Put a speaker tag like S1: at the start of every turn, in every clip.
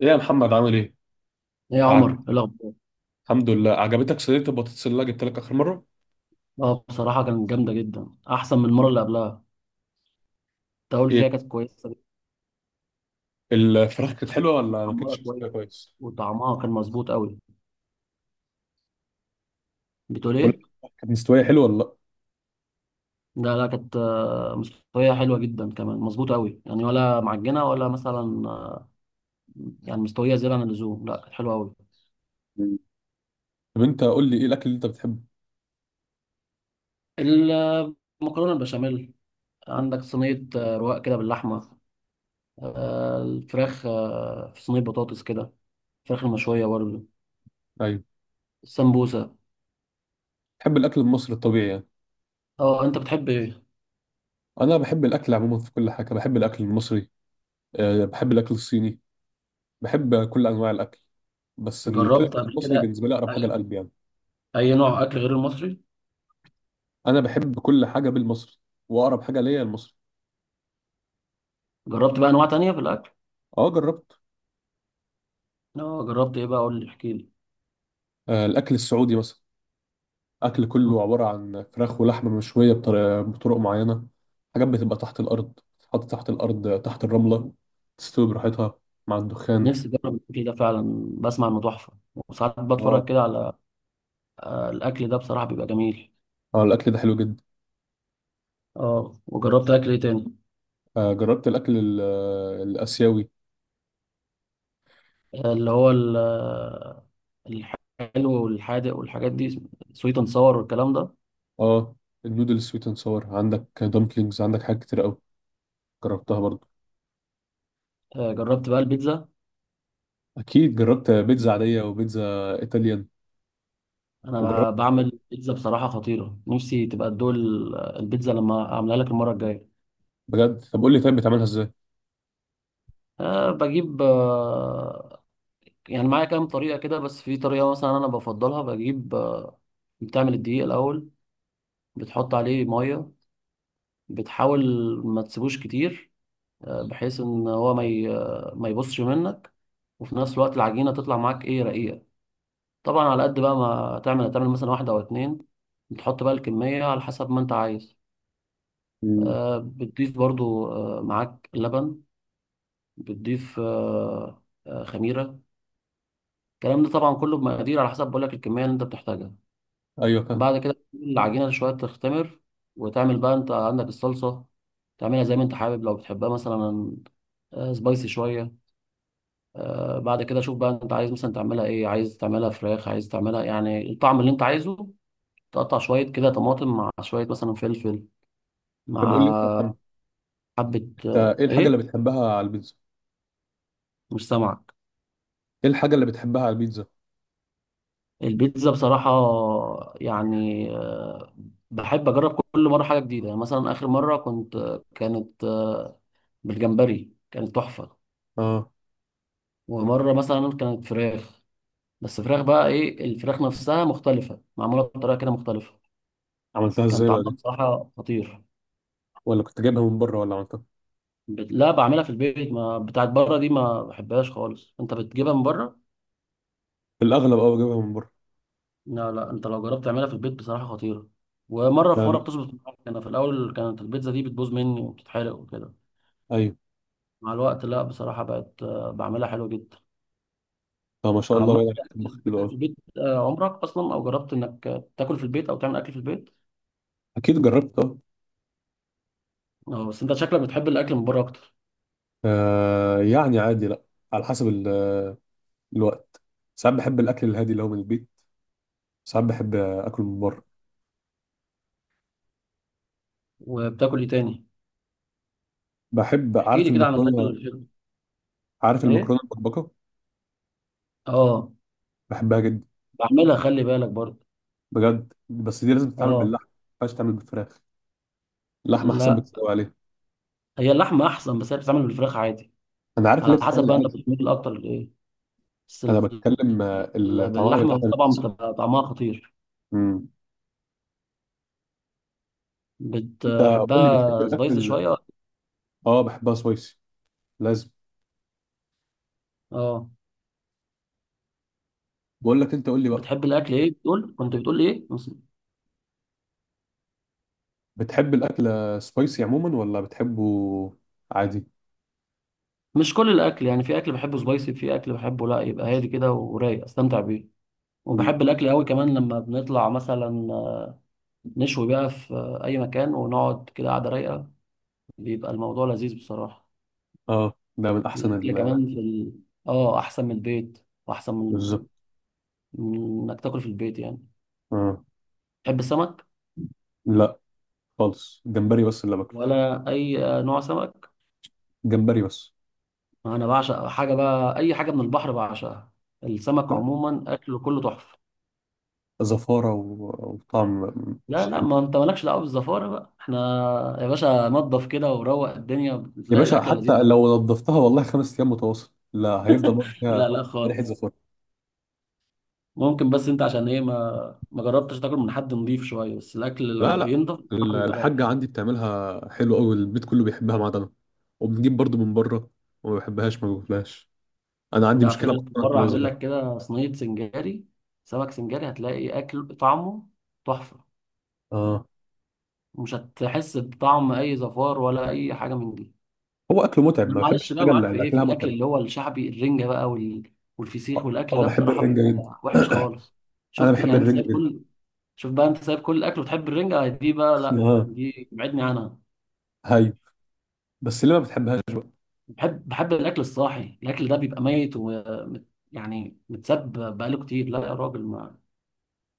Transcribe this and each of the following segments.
S1: ايه يا محمد عامل ايه؟
S2: ايه يا
S1: أعج...
S2: عمر، ايه الاخبار؟
S1: الحمد لله. عجبتك صينية البطاطس اللي أنا جبت لك آخر مرة؟
S2: اه، بصراحه كانت جامده جدا، احسن من المره اللي قبلها. التقول
S1: ايه.
S2: فيها كانت كويسه، كانت
S1: الفراخ كانت حلوة ولا ما
S2: محمره
S1: كانتش مستوية
S2: كويس
S1: كويس؟
S2: وطعمها كان مظبوط قوي. بتقول
S1: ولا
S2: ايه؟
S1: الفراخ كانت مستوية حلوة ولا لا؟
S2: لا لا كانت مستويه حلوه جدا كمان، مظبوطه قوي يعني، ولا معجنه ولا مثلا يعني مستويه زياده عن اللزوم. لا كانت حلوه قوي.
S1: مم. طب انت قول لي ايه الأكل اللي انت بتحبه؟
S2: المكرونه البشاميل، عندك صينيه رواق كده باللحمه، الفراخ، في صينيه بطاطس كده، الفراخ المشويه برضه،
S1: ايوه،
S2: السمبوسه.
S1: بتحب الأكل المصري الطبيعي يعني.
S2: اه انت بتحب ايه؟
S1: أنا بحب الأكل عموما، في كل حاجة بحب الأكل المصري. أه بحب الأكل الصيني. بحب كل أنواع الأكل. بس كده
S2: جربت
S1: كده
S2: قبل
S1: المصري
S2: كده
S1: بالنسبة لي أقرب حاجة لقلبي يعني.
S2: اي نوع اكل غير المصري؟
S1: أنا بحب كل حاجة بالمصري، وأقرب حاجة ليا المصري.
S2: جربت بقى انواع تانية في الاكل؟
S1: أه جربت.
S2: اه جربت ايه بقى؟ قول لي، احكي لي.
S1: أه الأكل السعودي مثلا. اكل كله
S2: مم.
S1: عباره عن فراخ ولحمه مشويه بطرق معينه. حاجات بتبقى تحت الارض، تتحط تحت الارض تحت الرمله، تستوي براحتها مع الدخان.
S2: نفسي اجرب الاكل ده فعلا، بسمع انه تحفه، وساعات
S1: اه.
S2: بتفرج كده على الاكل ده، بصراحه بيبقى جميل.
S1: اه الاكل ده حلو جدا.
S2: اه وجربت اكل ايه تاني؟
S1: آه جربت الاكل الاسيوي.
S2: اللي هو الحلو والحادق والحاجات دي، سويت اند ساور والكلام ده.
S1: اه، النودل سويت اند ساور، عندك دمبلينجز، عندك حاجات كتير قوي. جربتها برضو.
S2: جربت بقى البيتزا.
S1: اكيد جربت بيتزا عاديه وبيتزا ايطاليان. وجربت.
S2: انا بعمل بيتزا بصراحه خطيره، نفسي تبقى تدوق البيتزا لما اعملها لك المره الجايه.
S1: بجد؟ طب قول لي، طيب بتعملها ازاي؟
S2: أه، بجيب يعني معايا كام طريقة كده، بس في طريقة مثلا أنا بفضلها. بجيب بتعمل الدقيق الأول، بتحط عليه مية، بتحاول ما تسيبوش كتير، بحيث إن هو ما ي- آه، ما يبصش منك، وفي نفس الوقت العجينة تطلع معاك إيه، رقيقة. طبعا على قد بقى ما تعمل مثلا واحدة أو اتنين. بتحط بقى الكمية على حسب ما أنت عايز.
S1: مم.
S2: بتضيف برضو معاك لبن، بتضيف خميرة. الكلام ده طبعا كله بمقادير على حسب، بقولك الكمية اللي أنت بتحتاجها.
S1: ايوه فاهم.
S2: بعد كده تسيب العجينة شوية تختمر، وتعمل بقى انت عندك الصلصة، تعملها زي ما انت حابب. لو بتحبها مثلا سبايسي شوية. بعد كده شوف بقى انت عايز مثلا تعملها ايه، عايز تعملها فراخ، عايز تعملها يعني الطعم اللي انت عايزه. تقطع شوية كده طماطم مع شوية مثلا فلفل،
S1: طب قول لي
S2: مع
S1: انت،
S2: حبة
S1: أنت ايه الحاجه اللي
S2: ايه.
S1: بتحبها على البيتزا؟
S2: مش سامعك.
S1: ايه الحاجه اللي بتحبها على البيتزا؟
S2: البيتزا بصراحة يعني بحب أجرب كل مرة حاجة جديدة. يعني مثلا آخر مرة كنت كانت بالجمبري، كانت تحفة.
S1: اه.
S2: ومرة مثلا كانت فراخ، بس فراخ بقى ايه، الفراخ نفسها مختلفة، معمولة بطريقة كده مختلفة.
S1: عملتها
S2: كان
S1: ازاي بقى
S2: طعمها
S1: دي؟
S2: بصراحة خطير.
S1: ولا كنت جايبها من بره ولا عملتها؟
S2: لا بعملها في البيت، ما بتاعت بره دي ما بحبهاش خالص، انت بتجيبها من بره.
S1: في الاغلب اه، جايبها من بره.
S2: لا لا، انت لو جربت تعملها في البيت بصراحة خطيرة. ومرة في مرة
S1: يعني،
S2: بتظبط معاك، انا في الاول كانت البيتزا دي بتبوظ مني وبتتحرق وكده.
S1: ايوه.
S2: مع الوقت لا، بصراحة بقت بعملها حلو جدا.
S1: طب ما شاء الله،
S2: عملت
S1: باين عليك
S2: اكل
S1: تطبخ حلو
S2: في
S1: قوي.
S2: البيت عمرك اصلا، او جربت انك تاكل في البيت او تعمل اكل في البيت؟
S1: اكيد جربت اه.
S2: اه، بس انت شكلك بتحب الاكل من بره اكتر.
S1: يعني عادي لا. على حسب الوقت. ساعات بحب الاكل الهادي اللي هو من البيت، ساعات بحب اكل من بره.
S2: وبتاكل ايه تاني؟
S1: بحب،
S2: احكي
S1: عارف،
S2: لي كده عن الاكل
S1: المكرونه.
S2: اللي بتحبه.
S1: عارف
S2: ايه.
S1: المكرونه المبكبكه؟
S2: اه.
S1: بحبها جدا.
S2: بعملها، خلي بالك برضه.
S1: بجد، بس دي لازم تتعمل
S2: اه.
S1: باللحمه، ما ينفعش تعمل بالفراخ. اللحمه احسن
S2: لا،
S1: بكتير قوي عليها.
S2: هي اللحمه احسن، بس هي بتتعمل بالفراخ عادي.
S1: انا عارف اللي
S2: على حسب
S1: بتتعمل
S2: بقى انت
S1: عادي.
S2: بتميل اكتر لايه. بس
S1: انا بتكلم طعمها باللحمه
S2: باللحمه
S1: اللي
S2: طبعا
S1: بتحصل.
S2: بتبقى طعمها خطير.
S1: مم. انت قول لي بتحب
S2: بتحبها سبايسي
S1: الاكل.
S2: شويه.
S1: اه، بحبها سبايسي. لازم.
S2: اه.
S1: بقول لك، انت قول لي بقى.
S2: بتحب الاكل ايه؟ بتقول، كنت بتقول ايه
S1: بتحب الاكل سبايسي عموما ولا بتحبه عادي؟
S2: مش كل الاكل يعني، في اكل بحبه سبايسي، في اكل بحبه لا، يبقى هادي كده ورايق، استمتع بيه.
S1: مم.
S2: وبحب الاكل قوي كمان لما بنطلع مثلا، نشوي بقى في اي مكان، ونقعد كده قعده رايقه، بيبقى الموضوع لذيذ بصراحه.
S1: اه، ده من احسن
S2: الاكل كمان في ال... اه احسن من البيت، واحسن من
S1: بالظبط.
S2: من انك تاكل في البيت يعني.
S1: اه
S2: تحب السمك؟
S1: لا خالص، جمبري بس اللي باكله.
S2: ولا اي نوع سمك؟
S1: جمبري بس.
S2: انا بعشق حاجه بقى، اي حاجه من البحر بعشقها، السمك
S1: لا،
S2: عموما اكله كله تحفه.
S1: زفاره وطعم
S2: لا
S1: مش
S2: لا،
S1: حلو.
S2: ما انت مالكش دعوه بالزفاره بقى، احنا يا باشا نضف كده وروق الدنيا،
S1: يا
S2: بتلاقي
S1: باشا،
S2: الاكله
S1: حتى
S2: لذيذه.
S1: لو نضفتها والله 5 ايام متواصل، لا، هيفضل برضه
S2: لا
S1: فيها
S2: لا
S1: ريحه
S2: خالص.
S1: زفاره.
S2: ممكن، بس انت عشان ايه ما جربتش تاكل من حد نضيف شويه؟ بس الاكل
S1: لا
S2: لما
S1: لا،
S2: بينضف بصراحه بيبقى رايق.
S1: الحاجه عندي بتعملها حلو قوي، البيت كله بيحبها ما عدا انا. وبنجيب برضه من بره، وما بحبهاش ما باكلهاش. انا عندي
S2: يعني في
S1: مشكله مع السمك
S2: مره
S1: من وأنا
S2: اعمل
S1: صغير.
S2: لك كده صينيه سنجاري، سمك سنجاري، هتلاقي اكل طعمه تحفه،
S1: اه.
S2: ومش هتحس بطعم اي زفار ولا اي حاجه من دي.
S1: هو اكله متعب،
S2: انا
S1: ما بحبش
S2: معلش بقى
S1: الحاجه
S2: معاك
S1: اللي
S2: في
S1: اللي
S2: ايه، في
S1: اكلها
S2: الاكل
S1: متعب.
S2: اللي هو الشعبي، الرنجه بقى وال... والفسيخ
S1: اه.
S2: والاكل ده
S1: بحب
S2: بصراحه
S1: الرنجه جدا.
S2: بيبقى وحش خالص.
S1: انا
S2: شفت
S1: بحب
S2: يعني انت
S1: الرنجه
S2: سايب
S1: جدا.
S2: كل، شوف بقى انت سايب كل الاكل وتحب الرنجه دي بقى؟ لا
S1: اه.
S2: دي ابعدني عنها.
S1: هاي. بس ليه ما بتحبهاش بقى؟
S2: بحب الاكل الصاحي، الاكل ده بيبقى ميت ومت يعني، متساب بقاله كتير، لا يا راجل،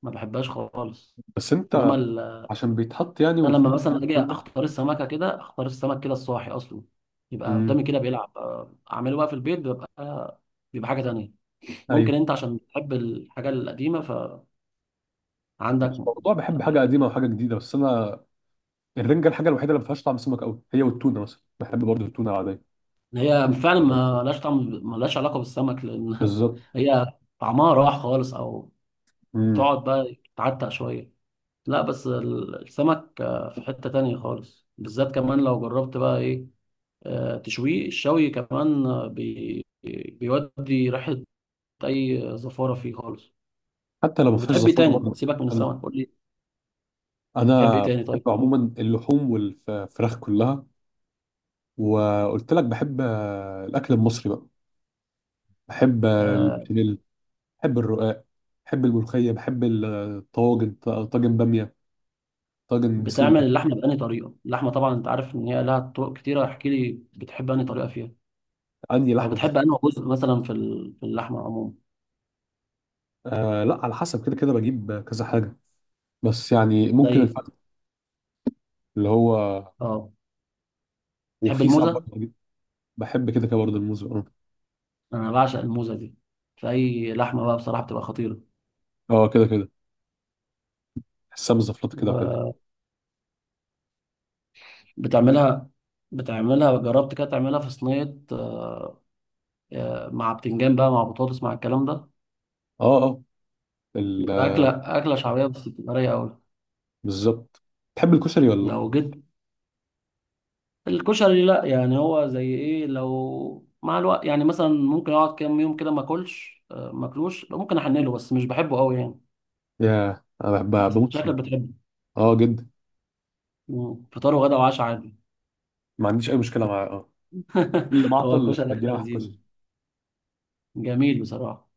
S2: ما بحبهاش خالص.
S1: بس
S2: انما
S1: انت
S2: ال...
S1: عشان بيتحط يعني،
S2: انا
S1: وفي
S2: لما
S1: ملح
S2: مثلا اجي
S1: والكلام
S2: اختار
S1: ده.
S2: السمكه كده، اختار السمك كده الصاحي اصلا، يبقى
S1: امم.
S2: قدامي كده بيلعب اعمله بقى في البيت، بيبقى حاجه تانية. ممكن
S1: ايوه.
S2: انت عشان بتحب الحاجه القديمه، فعندك
S1: مش موضوع بحب حاجه
S2: يعني،
S1: قديمه وحاجه جديده، بس انا الرنجه الحاجه الوحيده اللي ما فيهاش طعم سمك قوي، هي والتونه مثلا، بحب برضه التونه العاديه.
S2: إن هي فعلا
S1: آه.
S2: ما لهاش طعم، ما لهاش علاقه بالسمك، لان
S1: بالظبط.
S2: هي طعمها راح خالص، او
S1: امم.
S2: بتقعد بقى تعتق شويه. لا بس السمك في حتة تانية خالص، بالذات كمان لو جربت بقى ايه تشويه، الشوي كمان آه، بي بيودي ريحة اي زفارة فيه خالص.
S1: حتى لو ما فيهاش
S2: وبتحب ايه
S1: زفاره
S2: تاني
S1: برضه.
S2: سيبك من
S1: انا
S2: السمك؟ قول لي. بتحب ايه
S1: أنا
S2: تاني
S1: بحب
S2: طيب؟
S1: عموما اللحوم والفراخ كلها. وقلت لك بحب الأكل المصري بقى. بحب
S2: آه،
S1: البشاميل. بحب الرقاق. بحب الملوخية. بحب الطواجن، طاجن بامية، طاجن
S2: بتعمل
S1: بسلة.
S2: اللحمة بأنهي طريقة؟ اللحمة طبعا انت عارف ان هي لها طرق كتيرة، احكي لي بتحب أنهي طريقة فيها،
S1: عندي
S2: او
S1: لحمة
S2: بتحب
S1: بس.
S2: أنهي جزء مثلا في في اللحمة عموما؟
S1: آه لا، على حسب كده كده بجيب كذا حاجة. بس يعني ممكن
S2: زي.
S1: الفخذ، اللي هو.
S2: اه. بتحب
S1: وفي ساعات
S2: الموزة؟
S1: برضه بحب كده كده برضه الموز، اه.
S2: انا بعشق الموزة دي، في اي لحمة بقى بصراحة بتبقى خطيرة.
S1: اه، كده كده بحسها مزفلطة كده وحلو.
S2: و... بتعملها، جربت كده تعملها في صينية مع بتنجان بقى، مع بطاطس، مع الكلام ده؟
S1: اه، اه ال-
S2: بتبقى
S1: آه،
S2: أكلة شعبية، بس بتبقى رايقة أوي.
S1: بالظبط. تحب الكشري ولا لا؟
S2: لو جيت، الكشري لأ يعني، هو زي إيه، لو مع الوقت يعني مثلا، ممكن أقعد كام يوم كده ما أكلش ما أكلوش، ممكن أحنله، بس مش بحبه أوي يعني.
S1: ياه، انا بموت فيه.
S2: شكلك بتحبه.
S1: اه جدا.
S2: مم. فطار وغدا وعشاء عادي.
S1: ما عنديش اي مشكلة معاه، اه. اللي
S2: هو
S1: معطل
S2: الكشري أكلة
S1: بديها واحد
S2: لذيذة،
S1: كشري.
S2: جميل بصراحة.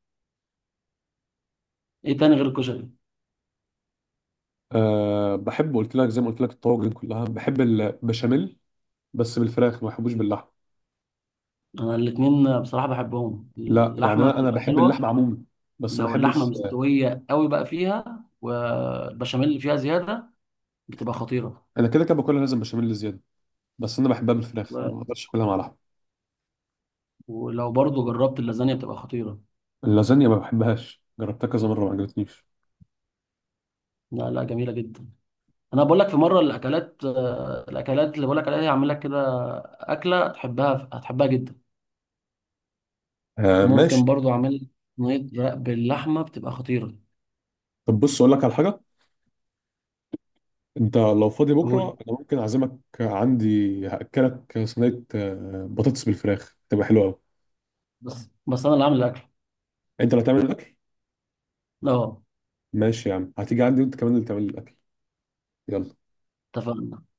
S2: إيه تاني غير الكشري؟
S1: أه بحب، قلت لك زي ما قلت لك الطواجن كلها، بحب البشاميل، بس بالفراخ، ما بحبوش باللحمه.
S2: أنا الاتنين بصراحة بحبهم،
S1: لا يعني
S2: اللحمة
S1: انا
S2: بتبقى
S1: بحب
S2: حلوة.
S1: اللحمه عموما، بس ما
S2: لو اللحمه
S1: بحبش.
S2: مستويه قوي بقى فيها، والبشاميل اللي فيها زياده، بتبقى خطيره.
S1: انا كده كده باكلها لازم بشاميل زياده. بس انا بحبها بالفراخ، ما
S2: و-
S1: بقدرش اكلها مع لحمه.
S2: ولو برضو جربت اللازانيا بتبقى خطيره.
S1: اللازانيا ما بحبهاش، جربتها كذا مره ما عجبتنيش.
S2: لا لا جميله جدا. انا بقول لك في مره الاكلات، الاكلات اللي بقول لك عليها دي هعمل لك كده اكله تحبها، هتحبها جدا.
S1: أه
S2: وممكن
S1: ماشي.
S2: برضو اعمل لك صينيه رق باللحمه بتبقى خطيره.
S1: طب بص اقول لك على حاجه. انت لو فاضي بكره،
S2: قول.
S1: انا ممكن اعزمك عندي. هاكلك صينيه بطاطس بالفراخ، تبقى حلوه قوي.
S2: بس انا اللي عامل الاكل.
S1: انت اللي هتعمل الاكل؟
S2: اه.
S1: ماشي يا عم، هتيجي عندي وانت كمان اللي تعمل الاكل. يلا.
S2: اتفقنا.